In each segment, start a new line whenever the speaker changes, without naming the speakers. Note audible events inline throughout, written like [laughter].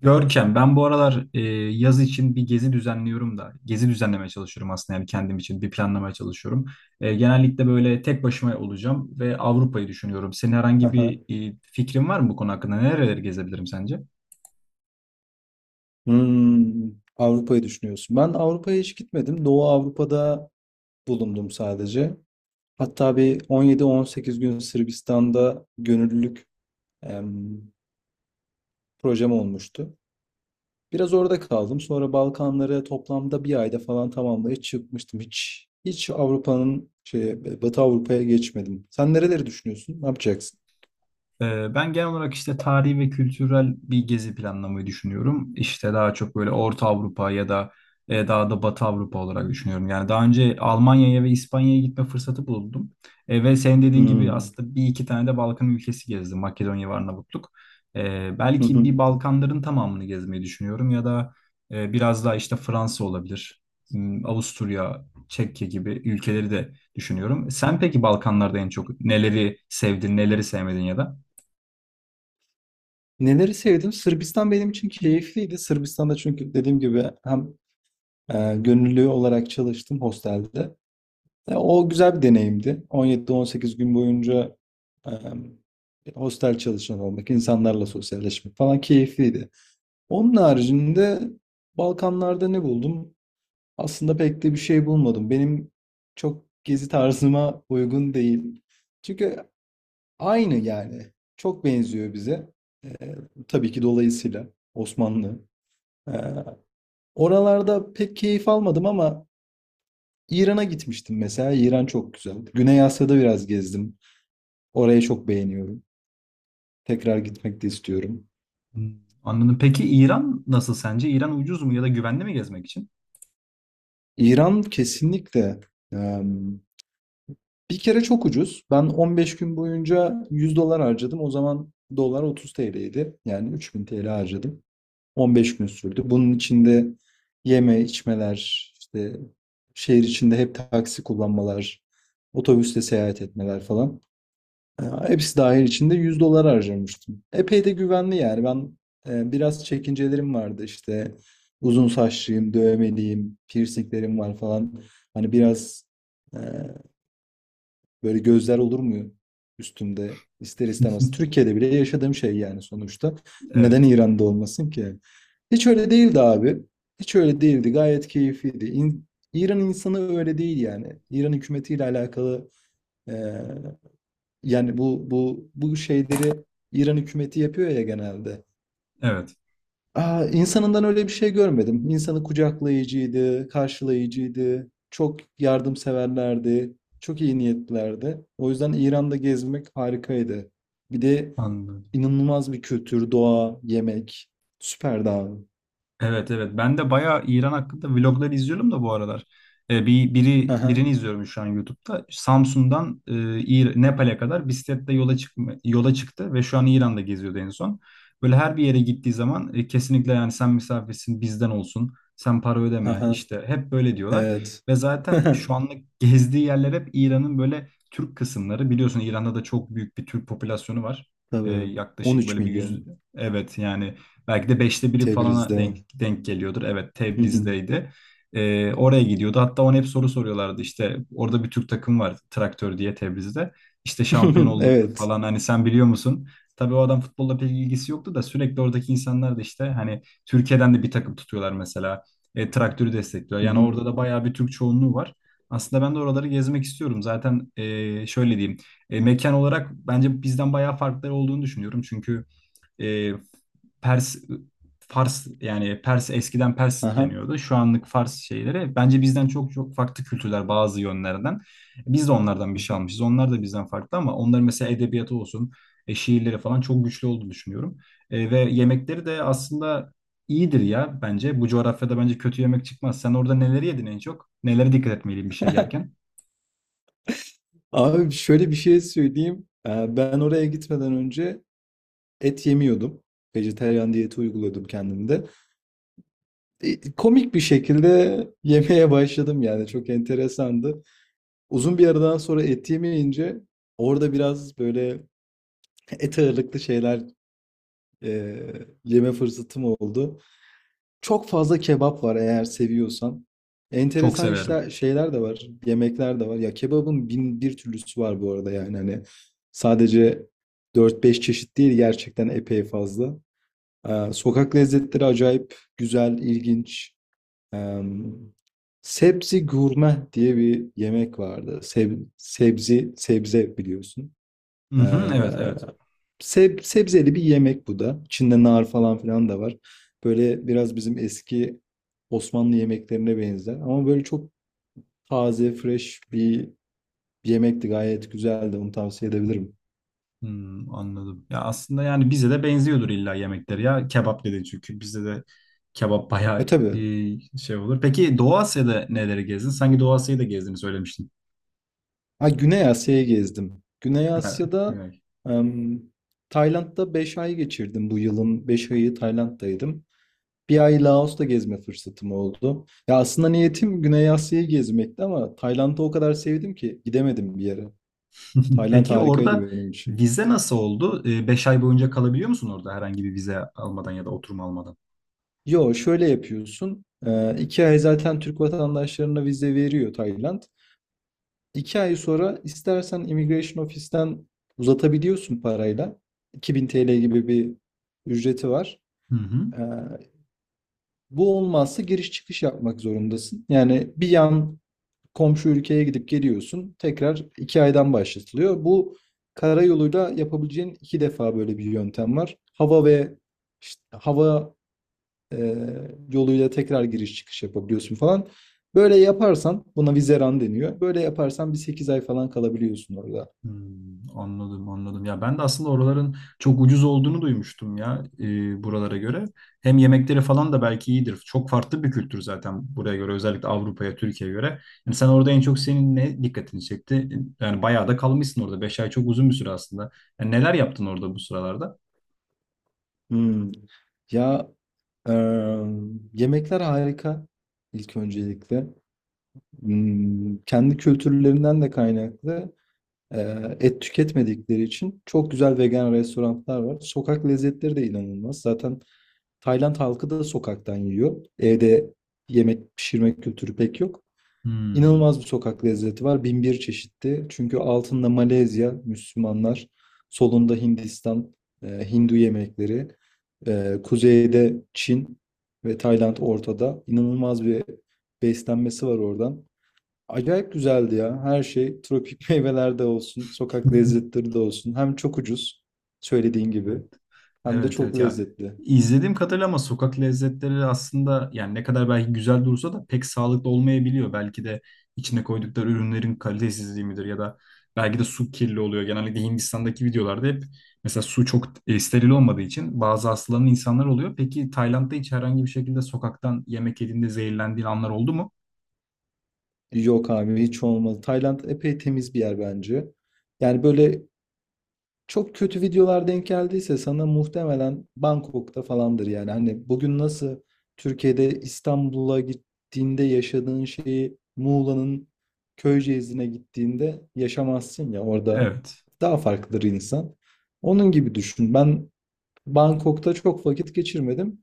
Görkem, ben bu aralar yaz için bir gezi düzenliyorum da, gezi düzenlemeye çalışıyorum aslında yani kendim için bir planlamaya çalışıyorum. Genellikle böyle tek başıma olacağım ve Avrupa'yı düşünüyorum. Senin herhangi
Aha.
bir fikrin var mı bu konu hakkında? Nereleri gezebilirim sence?
Hmm, Avrupa'yı düşünüyorsun. Ben Avrupa'ya hiç gitmedim. Doğu Avrupa'da bulundum sadece. Hatta bir 17-18 gün Sırbistan'da gönüllülük em, projem olmuştu. Biraz orada kaldım. Sonra Balkanları toplamda bir ayda falan tamamlayıp çıkmıştım. Hiç Avrupa'nın Batı Avrupa'ya geçmedim. Sen nereleri düşünüyorsun? Ne yapacaksın?
Ben genel olarak işte tarihi ve kültürel bir gezi planlamayı düşünüyorum. İşte daha çok böyle Orta Avrupa ya da daha da Batı Avrupa olarak düşünüyorum. Yani daha önce Almanya'ya ve İspanya'ya gitme fırsatı buldum. Ve senin dediğin gibi
Hmm.
aslında bir iki tane de Balkan ülkesi gezdim. Makedonya ve Arnavutluk.
Hı
Belki
hı.
bir Balkanların tamamını gezmeyi düşünüyorum ya da biraz daha işte Fransa olabilir. Hmm, Avusturya, Çekya gibi ülkeleri de düşünüyorum. Sen peki Balkanlarda en çok neleri sevdin, neleri sevmedin ya da?
Neleri sevdim? Sırbistan benim için keyifliydi. Sırbistan'da çünkü dediğim gibi hem gönüllü olarak çalıştım hostelde. O güzel bir deneyimdi. 17-18 gün boyunca e, hostel çalışan olmak, insanlarla sosyalleşmek falan keyifliydi. Onun haricinde Balkanlarda ne buldum? Aslında pek de bir şey bulmadım. Benim çok gezi tarzıma uygun değil. Çünkü aynı yani. Çok benziyor bize. Ee, tabii ki dolayısıyla Osmanlı. Ee, Oralarda pek keyif almadım ama İran'a gitmiştim mesela. İran çok güzel. Güney Asya'da biraz gezdim. Orayı çok beğeniyorum. Tekrar gitmek de istiyorum.
Hmm, anladım. Peki İran nasıl sence? İran ucuz mu ya da güvenli mi gezmek için?
İran kesinlikle. Bir kere çok ucuz. Ben 15 gün boyunca 100 dolar harcadım. O zaman dolar 30 TL'ydi. Yani 3000 TL harcadım. 15 gün sürdü. Bunun içinde yeme, içmeler, işte şehir içinde hep taksi kullanmalar, otobüsle seyahat etmeler falan. Hepsi dahil içinde 100 dolar harcamıştım. Epey de güvenli yani. Ben biraz çekincelerim vardı işte. Uzun saçlıyım, dövmeliyim, piercinglerim var falan. Hani biraz ee, böyle gözler olur mu üstümde ister istemez?
[laughs]
Türkiye'de bile yaşadığım şey yani sonuçta. Neden
Evet.
İran'da olmasın ki? Hiç öyle değildi abi. Hiç öyle değildi. Gayet keyifliydi. İran insanı öyle değil yani. İran hükümetiyle alakalı eee, yani bu şeyleri İran hükümeti yapıyor ya genelde.
Evet.
İnsanından öyle bir şey görmedim. İnsanı kucaklayıcıydı, karşılayıcıydı, çok yardımseverlerdi, çok iyi niyetlilerdi. O yüzden İran'da gezmek harikaydı. Bir de
Anladım.
inanılmaz bir kültür, doğa, yemek. Süperdi abi.
Evet, evet. Ben de bayağı İran hakkında vlogları izliyorum da bu aralar.
Hı hı,
Birini izliyorum şu an YouTube'da. Samsun'dan Nepal'e kadar bisikletle yola çıkma, yola çıktı ve şu an İran'da geziyordu en son. Böyle her bir yere gittiği zaman kesinlikle yani sen misafirsin bizden olsun. Sen para
hı
ödeme
hı.
işte hep böyle diyorlar.
Evet.
Ve zaten
[laughs]
şu anlık gezdiği yerler hep İran'ın böyle Türk kısımları. Biliyorsun İran'da da çok büyük bir Türk popülasyonu var.
Tabii.
Yaklaşık
13
böyle bir yüz,
milyon.
evet yani belki de beşte biri falana
Tebriz'de.
denk geliyordur. Evet,
Hı hı.
Tebriz'deydi. Oraya gidiyordu. Hatta ona hep soru soruyorlardı. İşte orada bir Türk takım var, Traktör diye, Tebriz'de. İşte şampiyon
[laughs]
olduk
Evet.
falan, hani sen biliyor musun? Tabii o adam futbolla pek ilgisi yoktu da sürekli oradaki insanlar da işte hani Türkiye'den de bir takım tutuyorlar mesela. Traktörü destekliyor.
Hı
Yani
hı.
orada da bayağı bir Türk çoğunluğu var. Aslında ben de oraları gezmek istiyorum. Zaten şöyle diyeyim. Mekan olarak bence bizden bayağı farkları olduğunu düşünüyorum. Çünkü e, Pers Fars, yani Pers, eskiden Pers
Aha.
deniyordu. Şu anlık Fars şeyleri bence bizden çok çok farklı kültürler bazı yönlerden. Biz de onlardan bir şey almışız. Onlar da bizden farklı ama onların mesela edebiyatı olsun, şiirleri falan çok güçlü olduğunu düşünüyorum. Ve yemekleri de aslında iyidir ya bence. Bu coğrafyada bence kötü yemek çıkmaz. Sen orada neleri yedin en çok? Nelere dikkat etmeliyim bir şey yerken?
Abi şöyle bir şey söyleyeyim. Ben oraya gitmeden önce et yemiyordum. Vejetaryen diyeti uyguluyordum kendimde. Komik bir şekilde [laughs] yemeye başladım yani çok enteresandı. Uzun bir aradan sonra et yemeyince orada biraz böyle [laughs] et ağırlıklı şeyler e, yeme fırsatım oldu. Çok fazla kebap var eğer seviyorsan.
Çok
Enteresan
severim.
işler şeyler de var, yemekler de var. Ya kebabın bin bir türlüsü var bu arada yani hani sadece dört beş çeşit değil gerçekten epey fazla. Sokak lezzetleri acayip güzel, ilginç. Ee, Sebzi gurme diye bir yemek vardı. Sebzi, sebze biliyorsun.
Hı
Ee,
hı, evet, evet.
Sebzeli bir yemek bu da. İçinde nar falan filan da var. Böyle biraz bizim eski Osmanlı yemeklerine benzer. Ama böyle çok taze, fresh bir yemekti. Gayet güzeldi. Onu tavsiye edebilirim.
Hmm, anladım. Ya aslında yani bize de benziyordur illa yemekleri ya. Kebap dedin çünkü bizde de kebap
E
bayağı
tabii.
şey olur. Peki Doğu Asya'da neleri gezdin? Sanki Doğu Asya'yı da gezdiğini söylemiştin.
Ha, Güney Asya'yı gezdim. Güney
Ha,
Asya'da
Güney.
em, Tayland'da 5 ay geçirdim bu yılın. 5 ayı Tayland'daydım. 1 ay Laos'ta gezme fırsatım oldu. Ya aslında niyetim Güney Asya'yı gezmekti ama Tayland'ı o kadar sevdim ki gidemedim bir yere.
[laughs]
Tayland
Peki
harikaydı
orada
benim için.
vize nasıl oldu? 5 ay boyunca kalabiliyor musun orada herhangi bir vize almadan ya da oturum almadan?
Yo şöyle yapıyorsun. 2 ay zaten Türk vatandaşlarına vize veriyor Tayland. 2 ay sonra istersen Immigration Office'ten uzatabiliyorsun parayla. 2000 TL gibi bir ücreti var.
Hı hı.
Ee, Bu olmazsa giriş çıkış yapmak zorundasın. Yani bir yan komşu ülkeye gidip geliyorsun. Tekrar 2 aydan başlatılıyor. Bu karayoluyla yapabileceğin 2 defa böyle bir yöntem var. Hava ve işte hava e, yoluyla tekrar giriş çıkış yapabiliyorsun falan. Böyle yaparsan buna vizeran deniyor. Böyle yaparsan bir 8 ay falan kalabiliyorsun orada.
Hmm, anladım, anladım. Ya ben de aslında oraların çok ucuz olduğunu duymuştum ya buralara göre. Hem yemekleri falan da belki iyidir. Çok farklı bir kültür zaten buraya göre, özellikle Avrupa'ya, Türkiye'ye göre. Yani sen orada en çok senin ne dikkatini çekti? Yani bayağı da kalmışsın orada. 5 ay çok uzun bir süre aslında. Yani neler yaptın orada bu sıralarda?
Hmm. Ya e, yemekler harika ilk öncelikle. Hmm, kendi kültürlerinden de kaynaklı. Et tüketmedikleri için çok güzel vegan restoranlar var. Sokak lezzetleri de inanılmaz. Zaten Tayland halkı da sokaktan yiyor. Evde yemek pişirme kültürü pek yok.
Hmm.
İnanılmaz bir sokak lezzeti var. Bin bir çeşitli. Çünkü altında Malezya, Müslümanlar, solunda Hindistan, Hindu yemekleri, kuzeyde Çin ve Tayland ortada. İnanılmaz bir beslenmesi var oradan. Acayip güzeldi ya. Her şey tropik [laughs] meyvelerde olsun, sokak
[laughs]
lezzetleri de olsun. Hem çok ucuz söylediğin gibi
Evet.
hem de
Evet,
çok
evet ya,
lezzetli.
izlediğim kadarıyla ama sokak lezzetleri aslında yani ne kadar belki güzel dursa da pek sağlıklı olmayabiliyor. Belki de içine koydukları ürünlerin kalitesizliği midir ya da belki de su kirli oluyor. Genellikle Hindistan'daki videolarda hep mesela su çok steril olmadığı için bazı hastalanan insanlar oluyor. Peki Tayland'da hiç herhangi bir şekilde sokaktan yemek yediğinde zehirlendiğin anlar oldu mu?
Yok abi hiç olmadı. Tayland epey temiz bir yer bence. Yani böyle çok kötü videolar denk geldiyse sana muhtemelen Bangkok'ta falandır yani. Hani bugün nasıl Türkiye'de İstanbul'a gittiğinde yaşadığın şeyi Muğla'nın Köyceğiz'ine gittiğinde yaşamazsın ya orada
Evet.
daha farklıdır insan. Onun gibi düşün. Ben Bangkok'ta çok vakit geçirmedim.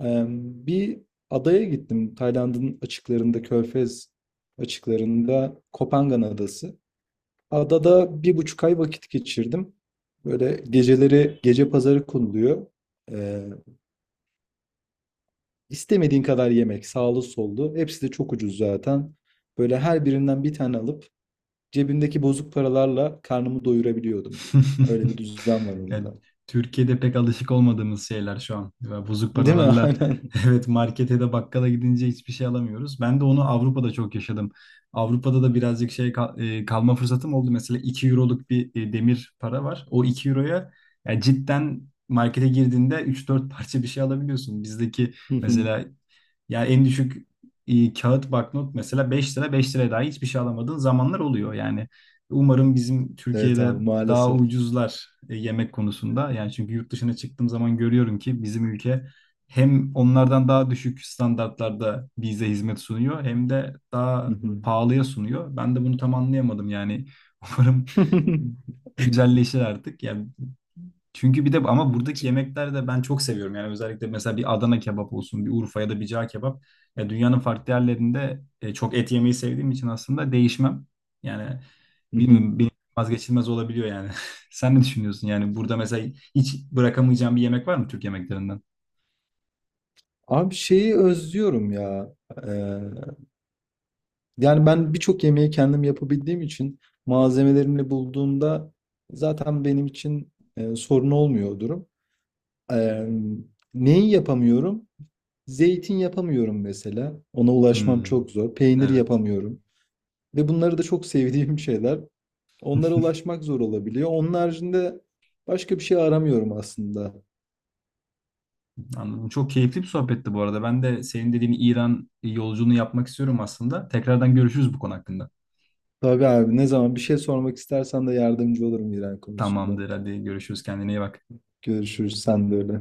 Bir adaya gittim. Tayland'ın açıklarında, Körfez açıklarında Kopangan Adası. Adada 1,5 ay vakit geçirdim. Böyle geceleri gece pazarı konuluyor. Ee, istemediğin kadar yemek, sağlı sollu. Hepsi de çok ucuz zaten. Böyle her birinden bir tane alıp cebimdeki bozuk paralarla karnımı doyurabiliyordum. Öyle bir
[laughs]
düzen var
Yani
orada.
Türkiye'de pek alışık olmadığımız şeyler şu an. Ya bozuk
Değil mi? [laughs]
paralarla
Aynen.
[laughs] evet markete de bakkala gidince hiçbir şey alamıyoruz. Ben de onu Avrupa'da çok yaşadım. Avrupa'da da birazcık kalma fırsatım oldu. Mesela 2 euroluk bir demir para var. O 2 euroya, yani cidden markete girdiğinde üç dört parça bir şey alabiliyorsun. Bizdeki
[laughs]
mesela yani en düşük kağıt banknot mesela 5 lira, 5 liraya daha hiçbir şey alamadığın zamanlar oluyor. Yani umarım bizim
Evet
Türkiye'de
abi
daha
maalesef.
ucuzlar yemek konusunda. Yani çünkü yurt dışına çıktığım zaman görüyorum ki bizim ülke hem onlardan daha düşük standartlarda bize hizmet sunuyor hem de daha
[laughs]
pahalıya sunuyor. Ben de bunu tam anlayamadım yani. [laughs] Umarım
[laughs]
güzelleşir artık. Yani çünkü bir de ama buradaki yemekler de ben çok seviyorum. Yani özellikle mesela bir Adana kebap olsun, bir Urfa ya da bir cağ kebap. Ya dünyanın farklı yerlerinde çok et yemeyi sevdiğim için aslında değişmem. Yani bilmiyorum, benim vazgeçilmez olabiliyor yani. [laughs] Sen ne düşünüyorsun? Yani burada mesela hiç bırakamayacağım bir yemek var mı Türk yemeklerinden?
Abi şeyi özlüyorum ya. Yani ben birçok yemeği kendim yapabildiğim için malzemelerimle bulduğumda zaten benim için sorun olmuyor o durum. Eee, Neyi yapamıyorum? Zeytin yapamıyorum mesela. Ona ulaşmam
Hmm,
çok zor. Peynir
evet.
yapamıyorum. Ve bunları da çok [laughs] sevdiğim şeyler. Onlara
[laughs]
ulaşmak zor olabiliyor. Onun haricinde başka bir şey aramıyorum aslında.
Anladım. Çok keyifli bir sohbetti bu arada. Ben de senin dediğin İran yolculuğunu yapmak istiyorum aslında. Tekrardan görüşürüz bu konu hakkında.
Tabii abi ne zaman bir şey sormak istersen de yardımcı olurum İran konusunda.
Tamamdır. Hadi görüşürüz. Kendine iyi bak.
Görüşürüz sen de öyle.